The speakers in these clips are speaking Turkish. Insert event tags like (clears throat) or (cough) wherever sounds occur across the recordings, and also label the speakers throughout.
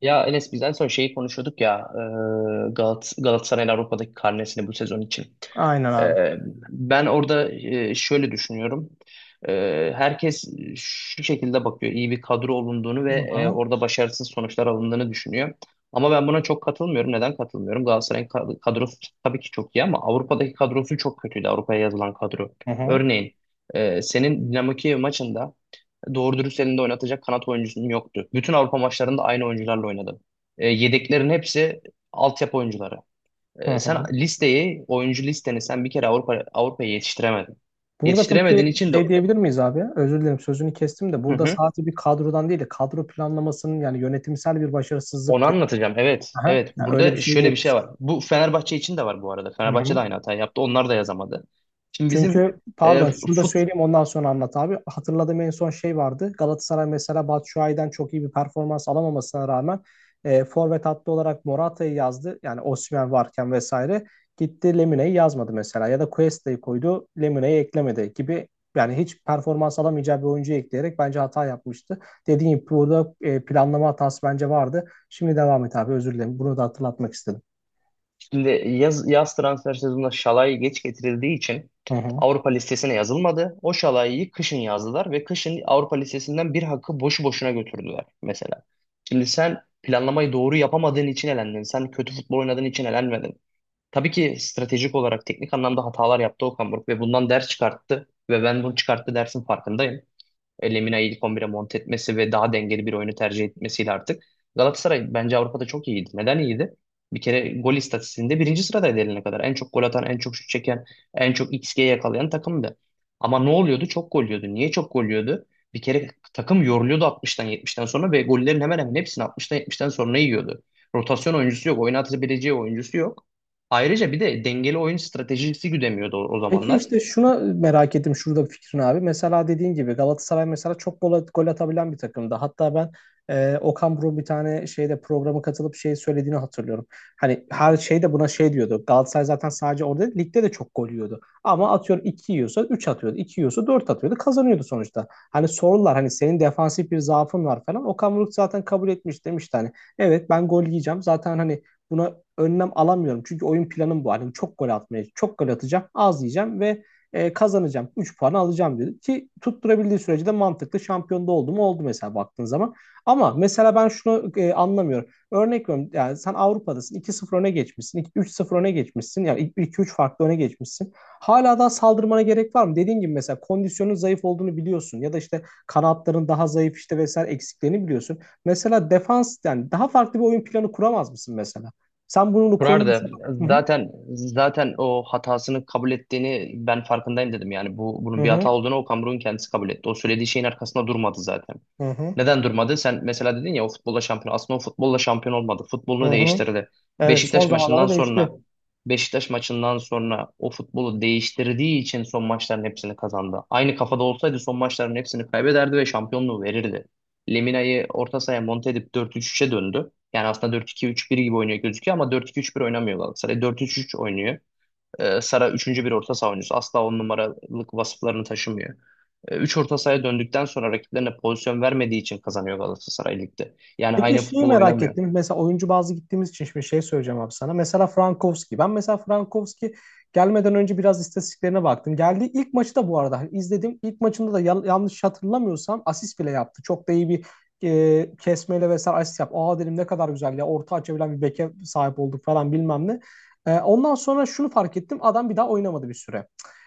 Speaker 1: Ya Enes, biz en son şeyi konuşuyorduk ya, Galatasaray'ın Avrupa'daki karnesini bu sezon için.
Speaker 2: Aynen abi.
Speaker 1: E, Ben orada şöyle düşünüyorum. E, Herkes şu şekilde bakıyor. İyi bir kadro olunduğunu ve
Speaker 2: Hı hı.
Speaker 1: orada başarısız sonuçlar alındığını düşünüyor. Ama ben buna çok katılmıyorum. Neden katılmıyorum? Galatasaray'ın kadrosu tabii ki çok iyi, ama Avrupa'daki kadrosu çok kötüydü. Avrupa'ya yazılan kadro.
Speaker 2: Hı hı.
Speaker 1: Örneğin senin Dinamo Kiev maçında doğru dürüst elinde oynatacak kanat oyuncusum yoktu. Bütün Avrupa maçlarında aynı oyuncularla oynadım. Yedeklerin hepsi altyapı oyuncuları.
Speaker 2: Hı
Speaker 1: Sen
Speaker 2: hı.
Speaker 1: listeyi, oyuncu listeni sen bir kere Avrupa'ya yetiştiremedin.
Speaker 2: Burada peki
Speaker 1: Yetiştiremediğin için de.
Speaker 2: şey diyebilir miyiz abi? Özür dilerim sözünü kestim de
Speaker 1: Hı
Speaker 2: burada
Speaker 1: hı.
Speaker 2: sadece bir kadrodan değil de kadro planlamasının yani yönetimsel bir
Speaker 1: Onu
Speaker 2: başarısızlık diye.
Speaker 1: anlatacağım. Evet,
Speaker 2: Aha,
Speaker 1: evet.
Speaker 2: yani öyle bir
Speaker 1: Burada
Speaker 2: şey
Speaker 1: şöyle bir
Speaker 2: değil.
Speaker 1: şey var. Bu Fenerbahçe için de var bu arada.
Speaker 2: Hı
Speaker 1: Fenerbahçe de
Speaker 2: hı.
Speaker 1: aynı hatayı yaptı. Onlar da yazamadı. Şimdi bizim
Speaker 2: Çünkü
Speaker 1: e,
Speaker 2: pardon şunu da
Speaker 1: fut,
Speaker 2: söyleyeyim ondan sonra anlat abi. Hatırladığım en son şey vardı. Galatasaray mesela Batshuayi'den çok iyi bir performans alamamasına rağmen forvet hattı olarak Morata'yı yazdı. Yani Osimhen varken vesaire. Gitti Lemine'yi yazmadı mesela ya da Cuesta'yı koydu Lemine'yi eklemedi gibi yani hiç performans alamayacağı bir oyuncuyu ekleyerek bence hata yapmıştı. Dediğim gibi burada planlama hatası bence vardı. Şimdi devam et abi özür dilerim. Bunu da hatırlatmak istedim.
Speaker 1: Şimdi yaz transfer sezonunda Şalay geç getirildiği için
Speaker 2: Hı hı.
Speaker 1: Avrupa listesine yazılmadı. O Şalay'ı kışın yazdılar ve kışın Avrupa listesinden bir hakkı boşu boşuna götürdüler mesela. Şimdi sen planlamayı doğru yapamadığın için elendin. Sen kötü futbol oynadığın için elenmedin. Tabii ki stratejik olarak teknik anlamda hatalar yaptı Okan Buruk, ve bundan ders çıkarttı ve ben bunu çıkarttı dersin farkındayım. Lemina'yı ilk 11'e monte etmesi ve daha dengeli bir oyunu tercih etmesiyle artık. Galatasaray bence Avrupa'da çok iyiydi. Neden iyiydi? Bir kere gol istatistiğinde birinci sıradaydı eline kadar. En çok gol atan, en çok şut çeken, en çok XG yakalayan takımdı. Ama ne oluyordu? Çok gol yiyordu. Niye çok gol yiyordu? Bir kere takım yoruluyordu 60'tan 70'ten sonra ve gollerin hemen hemen hepsini 60'tan 70'ten sonra yiyordu. Rotasyon oyuncusu yok, oynatabileceği oyuncusu yok. Ayrıca bir de dengeli oyun stratejisi güdemiyordu o
Speaker 2: Peki
Speaker 1: zamanlar.
Speaker 2: işte şuna merak ettim şurada bir fikrin abi. Mesela dediğin gibi Galatasaray mesela çok gol, gol atabilen bir takımdı. Hatta ben Okan Buruk'un bir tane şeyde programa katılıp şey söylediğini hatırlıyorum. Hani her şeyde buna şey diyordu. Galatasaray zaten sadece orada değil, ligde de çok gol yiyordu. Ama atıyorum 2 yiyorsa 3 atıyordu. İki yiyorsa 4 atıyordu. Kazanıyordu sonuçta. Hani sorular hani senin defansif bir zaafın var falan. Okan Buruk zaten kabul etmiş demişti hani. Evet ben gol yiyeceğim. Zaten hani buna önlem alamıyorum. Çünkü oyun planım bu. Hani çok gol atmaya, çok gol atacağım, az yiyeceğim ve kazanacağım. 3 puanı alacağım dedi. Ki tutturabildiği sürece de mantıklı şampiyonda oldu mu oldu mesela baktığın zaman. Ama mesela ben şunu anlamıyorum. Örnek veriyorum yani sen Avrupa'dasın 2-0 öne geçmişsin. 3-0 öne geçmişsin. Yani iki üç farklı öne geçmişsin. Hala daha saldırmana gerek var mı? Dediğin gibi mesela kondisyonun zayıf olduğunu biliyorsun. Ya da işte kanatların daha zayıf işte vesaire eksiklerini biliyorsun. Mesela defans yani daha farklı bir oyun planı kuramaz mısın mesela? Sen bunu konuyu...
Speaker 1: Kurardı
Speaker 2: Hı hı.
Speaker 1: zaten, o hatasını kabul ettiğini ben farkındayım dedim. Yani bu,
Speaker 2: Hı
Speaker 1: bunun bir
Speaker 2: hı.
Speaker 1: hata olduğunu Okan Buruk'un kendisi kabul etti. O söylediği şeyin arkasında durmadı zaten.
Speaker 2: Hı hı.
Speaker 1: Neden durmadı? Sen mesela dedin ya, o futbolla şampiyon. Aslında o futbolla şampiyon olmadı.
Speaker 2: Hı
Speaker 1: Futbolunu
Speaker 2: hı.
Speaker 1: değiştirdi.
Speaker 2: Evet son
Speaker 1: Beşiktaş maçından
Speaker 2: zamanlarda değişti.
Speaker 1: sonra Beşiktaş maçından sonra o futbolu değiştirdiği için son maçların hepsini kazandı. Aynı kafada olsaydı son maçların hepsini kaybederdi ve şampiyonluğu verirdi. Lemina'yı orta sahaya monte edip 4-3-3'e döndü. Yani aslında 4-2-3-1 gibi oynuyor gözüküyor ama 4-2-3-1 oynamıyor Galatasaray. 4-3-3 oynuyor. Sara üçüncü bir orta saha oyuncusu. Asla on numaralık vasıflarını taşımıyor. Üç orta sahaya döndükten sonra rakiplerine pozisyon vermediği için kazanıyor Galatasaray Lig'de. Yani
Speaker 2: Peki
Speaker 1: aynı
Speaker 2: şeyi
Speaker 1: futbol
Speaker 2: merak
Speaker 1: oynamıyor.
Speaker 2: ettim. Mesela oyuncu bazı gittiğimiz için şimdi şey söyleyeceğim abi sana. Mesela Frankowski. Ben mesela Frankowski gelmeden önce biraz istatistiklerine baktım. Geldiği ilk maçı da bu arada hani izledim. İlk maçında da yanlış hatırlamıyorsam asist bile yaptı. Çok da iyi bir kesmeyle vesaire asist yaptı. Aa dedim ne kadar güzel ya orta açabilen bir beke sahip olduk falan bilmem ne. Ondan sonra şunu fark ettim. Adam bir daha oynamadı bir süre.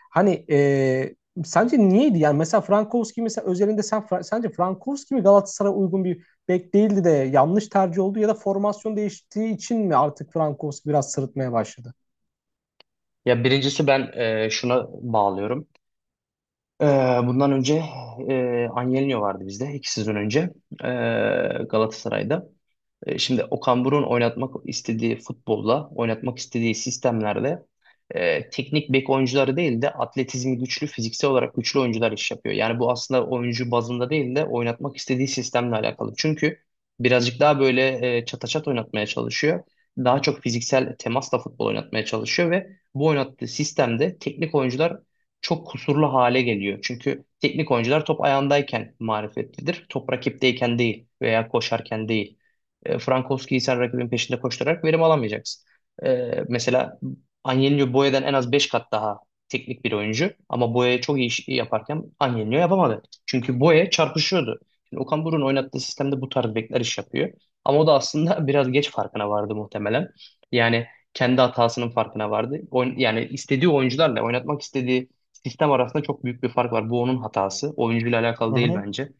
Speaker 2: Hani sence niyeydi? Yani mesela Frankowski mesela özelinde sen sence Frankowski mi Galatasaray'a uygun bir bek değildi de yanlış tercih oldu ya da formasyon değiştiği için mi artık Frankowski biraz sırıtmaya başladı?
Speaker 1: Ya, birincisi ben şuna bağlıyorum. Ee, bundan önce Angelino vardı bizde 2 sezon önce e, Galatasaray'da. Şimdi Okan Buruk'un oynatmak istediği futbolla, oynatmak istediği sistemlerde teknik bek oyuncuları değil de atletizmi güçlü, fiziksel olarak güçlü oyuncular iş yapıyor. Yani bu aslında oyuncu bazında değil de oynatmak istediği sistemle alakalı. Çünkü birazcık daha böyle çataçat oynatmaya çalışıyor. Daha çok fiziksel temasla futbol oynatmaya çalışıyor ve bu oynattığı sistemde teknik oyuncular çok kusurlu hale geliyor. Çünkü teknik oyuncular top ayağındayken marifetlidir. Top rakipteyken değil, veya koşarken değil. Frankowski'yi sen rakibin peşinde koşturarak verim alamayacaksın. Mesela Angelino Boya'dan en az 5 kat daha teknik bir oyuncu, ama Boya çok iyi iş yaparken Angelino yapamadı. Çünkü Boya çarpışıyordu. Şimdi Okan Buruk'un oynattığı sistemde bu tarz bekler iş yapıyor. Ama o da aslında (laughs) biraz geç farkına vardı muhtemelen. Yani kendi hatasının farkına vardı. Yani istediği oyuncularla oynatmak istediği sistem arasında çok büyük bir fark var. Bu onun hatası. Oyuncuyla
Speaker 2: Hı
Speaker 1: alakalı değil
Speaker 2: hı.
Speaker 1: bence.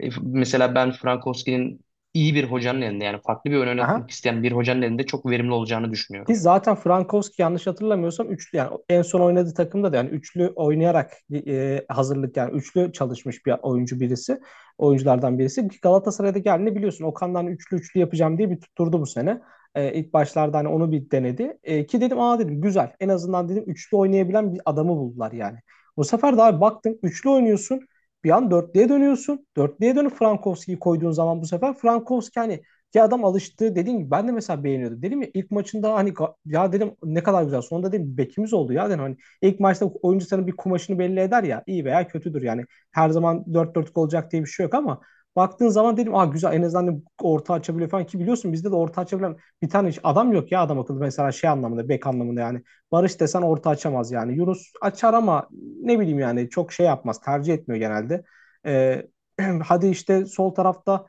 Speaker 1: Mesela ben Frankowski'nin iyi bir hocanın elinde, yani farklı bir oyun
Speaker 2: Aha.
Speaker 1: oynatmak isteyen bir hocanın elinde çok verimli olacağını
Speaker 2: Ki
Speaker 1: düşünüyorum.
Speaker 2: zaten Frankowski yanlış hatırlamıyorsam üçlü yani en son oynadığı takımda da yani üçlü oynayarak hazırlık yani üçlü çalışmış bir oyuncu birisi. Oyunculardan birisi. Ki Galatasaray'daki halini biliyorsun. Okan'dan üçlü üçlü yapacağım diye bir tutturdu bu sene. İlk başlarda hani onu bir denedi. Ki dedim aa dedim güzel. En azından dedim üçlü oynayabilen bir adamı buldular yani. Bu sefer de abi baktın üçlü oynuyorsun. Bir an dörtlüye dönüyorsun. Dörtlüye dönüp Frankowski'yi koyduğun zaman bu sefer Frankowski hani ya adam alıştı dediğim gibi ben de mesela beğeniyordum. Dedim ya ilk maçında hani ya dedim ne kadar güzel. Sonunda dedim bekimiz oldu ya dedim. Hani ilk maçta oyuncu sana bir kumaşını belli eder ya iyi veya kötüdür yani. Her zaman dört 4 olacak diye bir şey yok ama baktığın zaman dedim aa güzel en azından dedim orta açabiliyor falan ki biliyorsun bizde de orta açabilen bir tane hiç adam yok ya adam akıllı mesela şey anlamında bek anlamında yani. Barış desen orta açamaz yani. Yunus açar ama ne bileyim yani çok şey yapmaz tercih etmiyor genelde. Ee, (clears throat) Hadi işte sol tarafta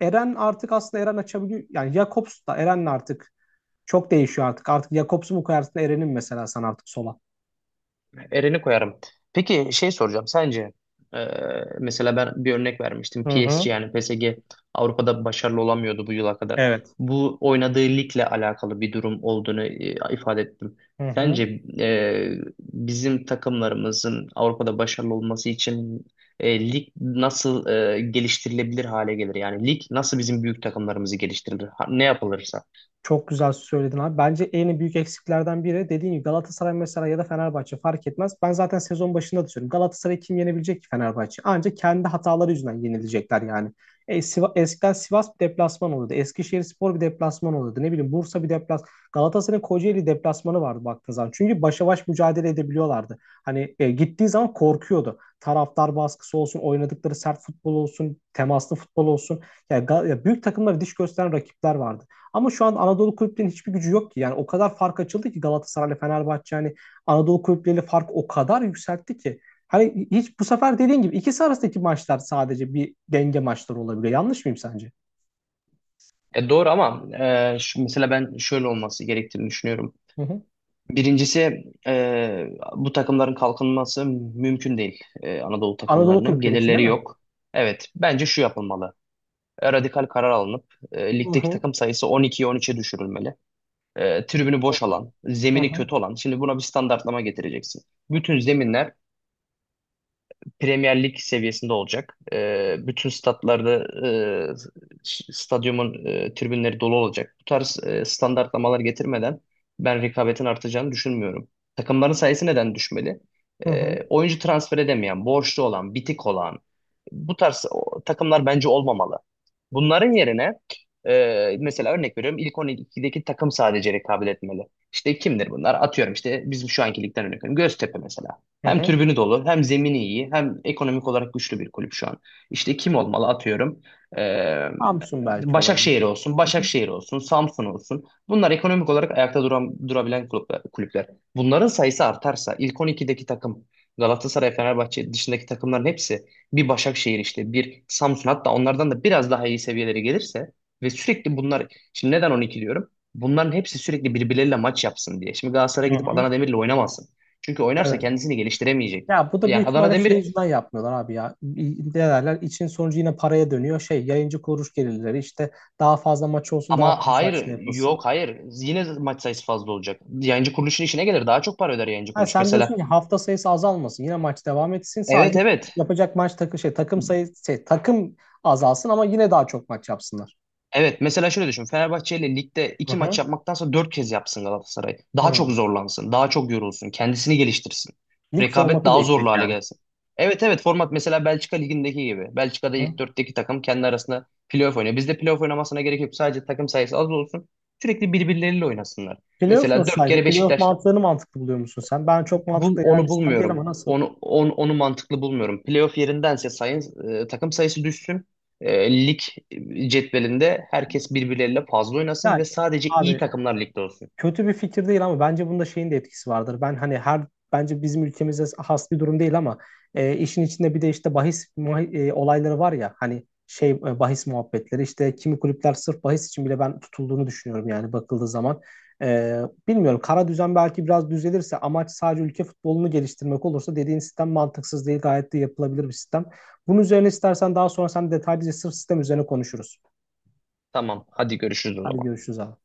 Speaker 2: Eren artık aslında Eren açabiliyor. Yani Jakobs da Eren'le artık çok değişiyor artık. Artık Jakobs'u mu koyarsın Eren'in mesela sen artık sola.
Speaker 1: Eren'i koyarım. Peki şey soracağım, sence e, mesela ben bir örnek vermiştim:
Speaker 2: Hı hı.
Speaker 1: PSG. Yani PSG Avrupa'da başarılı olamıyordu bu yıla kadar.
Speaker 2: Evet.
Speaker 1: Bu oynadığı ligle alakalı bir durum olduğunu ifade ettim.
Speaker 2: Hı hı.
Speaker 1: Sence e, bizim takımlarımızın Avrupa'da başarılı olması için lig nasıl geliştirilebilir hale gelir? Yani lig nasıl bizim büyük takımlarımızı geliştirilir? Ne yapılırsa.
Speaker 2: Çok güzel söyledin abi. Bence en büyük eksiklerden biri dediğin gibi Galatasaray mesela ya da Fenerbahçe fark etmez. Ben zaten sezon başında da söylüyorum. Galatasaray kim yenebilecek ki Fenerbahçe? Ancak kendi hataları yüzünden yenilecekler yani. Eskiden Sivas bir deplasman oluyordu. Eskişehirspor bir deplasman oluyordu. Ne bileyim Bursa bir deplas. Galatasaray'ın Kocaeli deplasmanı vardı baktığın zaman. Çünkü başa baş mücadele edebiliyorlardı. Hani gittiği zaman korkuyordu. Taraftar baskısı olsun, oynadıkları sert futbol olsun, temaslı futbol olsun. Yani ya büyük takımlara diş gösteren rakipler vardı. Ama şu an Anadolu kulüplerinin hiçbir gücü yok ki. Yani o kadar fark açıldı ki Galatasaray'la Fenerbahçe yani Anadolu kulüpleriyle fark o kadar yükseltti ki. Hani hiç bu sefer dediğin gibi ikisi arasındaki maçlar sadece bir denge maçları olabiliyor. Yanlış mıyım sence?
Speaker 1: Doğru ama şu, mesela ben şöyle olması gerektiğini düşünüyorum.
Speaker 2: Hı hı.
Speaker 1: Birincisi, bu takımların kalkınması mümkün değil. Anadolu
Speaker 2: Anadolu
Speaker 1: takımlarının
Speaker 2: kulüpleri için
Speaker 1: gelirleri
Speaker 2: değil mi?
Speaker 1: yok. Evet, bence şu yapılmalı. Radikal karar alınıp
Speaker 2: Hı
Speaker 1: ligdeki
Speaker 2: hı.
Speaker 1: takım sayısı 12'ye 13'e düşürülmeli. Tribünü boş alan,
Speaker 2: Hı
Speaker 1: zemini
Speaker 2: hı.
Speaker 1: kötü olan. Şimdi buna bir standartlama getireceksin. Bütün zeminler Premier Lig seviyesinde olacak. Bütün statlarda e, stadyumun tribünleri dolu olacak. Bu tarz standartlamalar getirmeden ben rekabetin artacağını düşünmüyorum. Takımların sayısı neden düşmeli?
Speaker 2: Hı hı.
Speaker 1: Oyuncu transfer edemeyen, borçlu olan, bitik olan bu tarz takımlar bence olmamalı. Bunların yerine, mesela örnek veriyorum, ilk 12'deki takım sadece rekabet etmeli. İşte kimdir bunlar? Atıyorum, işte bizim şu anki ligden örnek veriyorum. Göztepe mesela.
Speaker 2: Hı
Speaker 1: Hem
Speaker 2: hı.
Speaker 1: tribünü dolu, hem zemini iyi, hem ekonomik olarak güçlü bir kulüp şu an. İşte kim olmalı, atıyorum? Ee,
Speaker 2: Samsun belki olabilir. Hı hı.
Speaker 1: Başakşehir olsun, Samsun olsun. Bunlar ekonomik olarak ayakta duran, durabilen kulüpler. Bunların sayısı artarsa ilk 12'deki takım Galatasaray, Fenerbahçe dışındaki takımların hepsi, bir Başakşehir, işte bir Samsun, hatta onlardan da biraz daha iyi seviyeleri gelirse ve sürekli bunlar, şimdi neden 12 diyorum? Bunların hepsi sürekli birbirleriyle maç yapsın diye. Şimdi Galatasaray
Speaker 2: Hı
Speaker 1: gidip
Speaker 2: hı.
Speaker 1: Adana Demir'le oynamazsın. Çünkü oynarsa
Speaker 2: Evet.
Speaker 1: kendisini geliştiremeyecek.
Speaker 2: Ya bu da
Speaker 1: Yani
Speaker 2: büyük
Speaker 1: Adana
Speaker 2: ihtimalle şey
Speaker 1: Demir,
Speaker 2: yüzünden yapmıyorlar abi ya. Ne derler? İçin sonucu yine paraya dönüyor. Şey yayıncı kuruluş gelirleri işte daha fazla maç olsun daha
Speaker 1: ama
Speaker 2: fazla işte
Speaker 1: hayır,
Speaker 2: yapılsın.
Speaker 1: yok hayır, yine maç sayısı fazla olacak. Yayıncı kuruluşun işine gelir, daha çok para öder yayıncı
Speaker 2: Ha,
Speaker 1: kuruluş.
Speaker 2: sen diyorsun
Speaker 1: Mesela.
Speaker 2: ki hafta sayısı azalmasın. Yine maç devam etsin.
Speaker 1: Evet,
Speaker 2: Sadece
Speaker 1: evet.
Speaker 2: yapacak maç şey takım sayısı şey, takım azalsın ama yine daha çok maç yapsınlar.
Speaker 1: Evet, mesela şöyle düşün. Fenerbahçe ile ligde
Speaker 2: Hı
Speaker 1: 2 maç
Speaker 2: hı.
Speaker 1: yapmaktansa 4 kez yapsın Galatasaray. Daha çok
Speaker 2: Hı.
Speaker 1: zorlansın. Daha çok yorulsun. Kendisini geliştirsin.
Speaker 2: Lig
Speaker 1: Rekabet
Speaker 2: formatı
Speaker 1: daha zorlu
Speaker 2: değişecek
Speaker 1: hale
Speaker 2: yani.
Speaker 1: gelsin. Evet, evet, format mesela Belçika ligindeki gibi. Belçika'da
Speaker 2: Hı.
Speaker 1: ilk dörtteki takım kendi arasında playoff oynuyor. Bizde playoff oynamasına gerek yok. Sadece takım sayısı az olsun. Sürekli birbirleriyle oynasınlar.
Speaker 2: Playoff
Speaker 1: Mesela
Speaker 2: nasıl
Speaker 1: dört
Speaker 2: sence?
Speaker 1: kere
Speaker 2: Playoff
Speaker 1: Beşiktaş.
Speaker 2: mantığını mantıklı buluyor musun sen? Ben çok
Speaker 1: Bul,
Speaker 2: mantıklı gelen bir
Speaker 1: onu
Speaker 2: sistem değil ama
Speaker 1: bulmuyorum.
Speaker 2: nasıl?
Speaker 1: Onu mantıklı bulmuyorum. Playoff yerindense sayın, takım sayısı düşsün. Lig cetvelinde herkes birbirleriyle fazla oynasın
Speaker 2: Yani
Speaker 1: ve sadece iyi
Speaker 2: abi
Speaker 1: takımlar ligde olsun.
Speaker 2: kötü bir fikir değil ama bence bunda şeyin de etkisi vardır. Ben hani her bence bizim ülkemizde has bir durum değil ama işin içinde bir de işte bahis olayları var ya hani şey bahis muhabbetleri işte kimi kulüpler sırf bahis için bile ben tutulduğunu düşünüyorum yani bakıldığı zaman. E, Bilmiyorum kara düzen belki biraz düzelirse amaç sadece ülke futbolunu geliştirmek olursa dediğin sistem mantıksız değil gayet de yapılabilir bir sistem. Bunun üzerine istersen daha sonra sen detaylıca sırf sistem üzerine konuşuruz.
Speaker 1: Tamam, hadi görüşürüz o
Speaker 2: Hadi
Speaker 1: zaman.
Speaker 2: görüşürüz abi.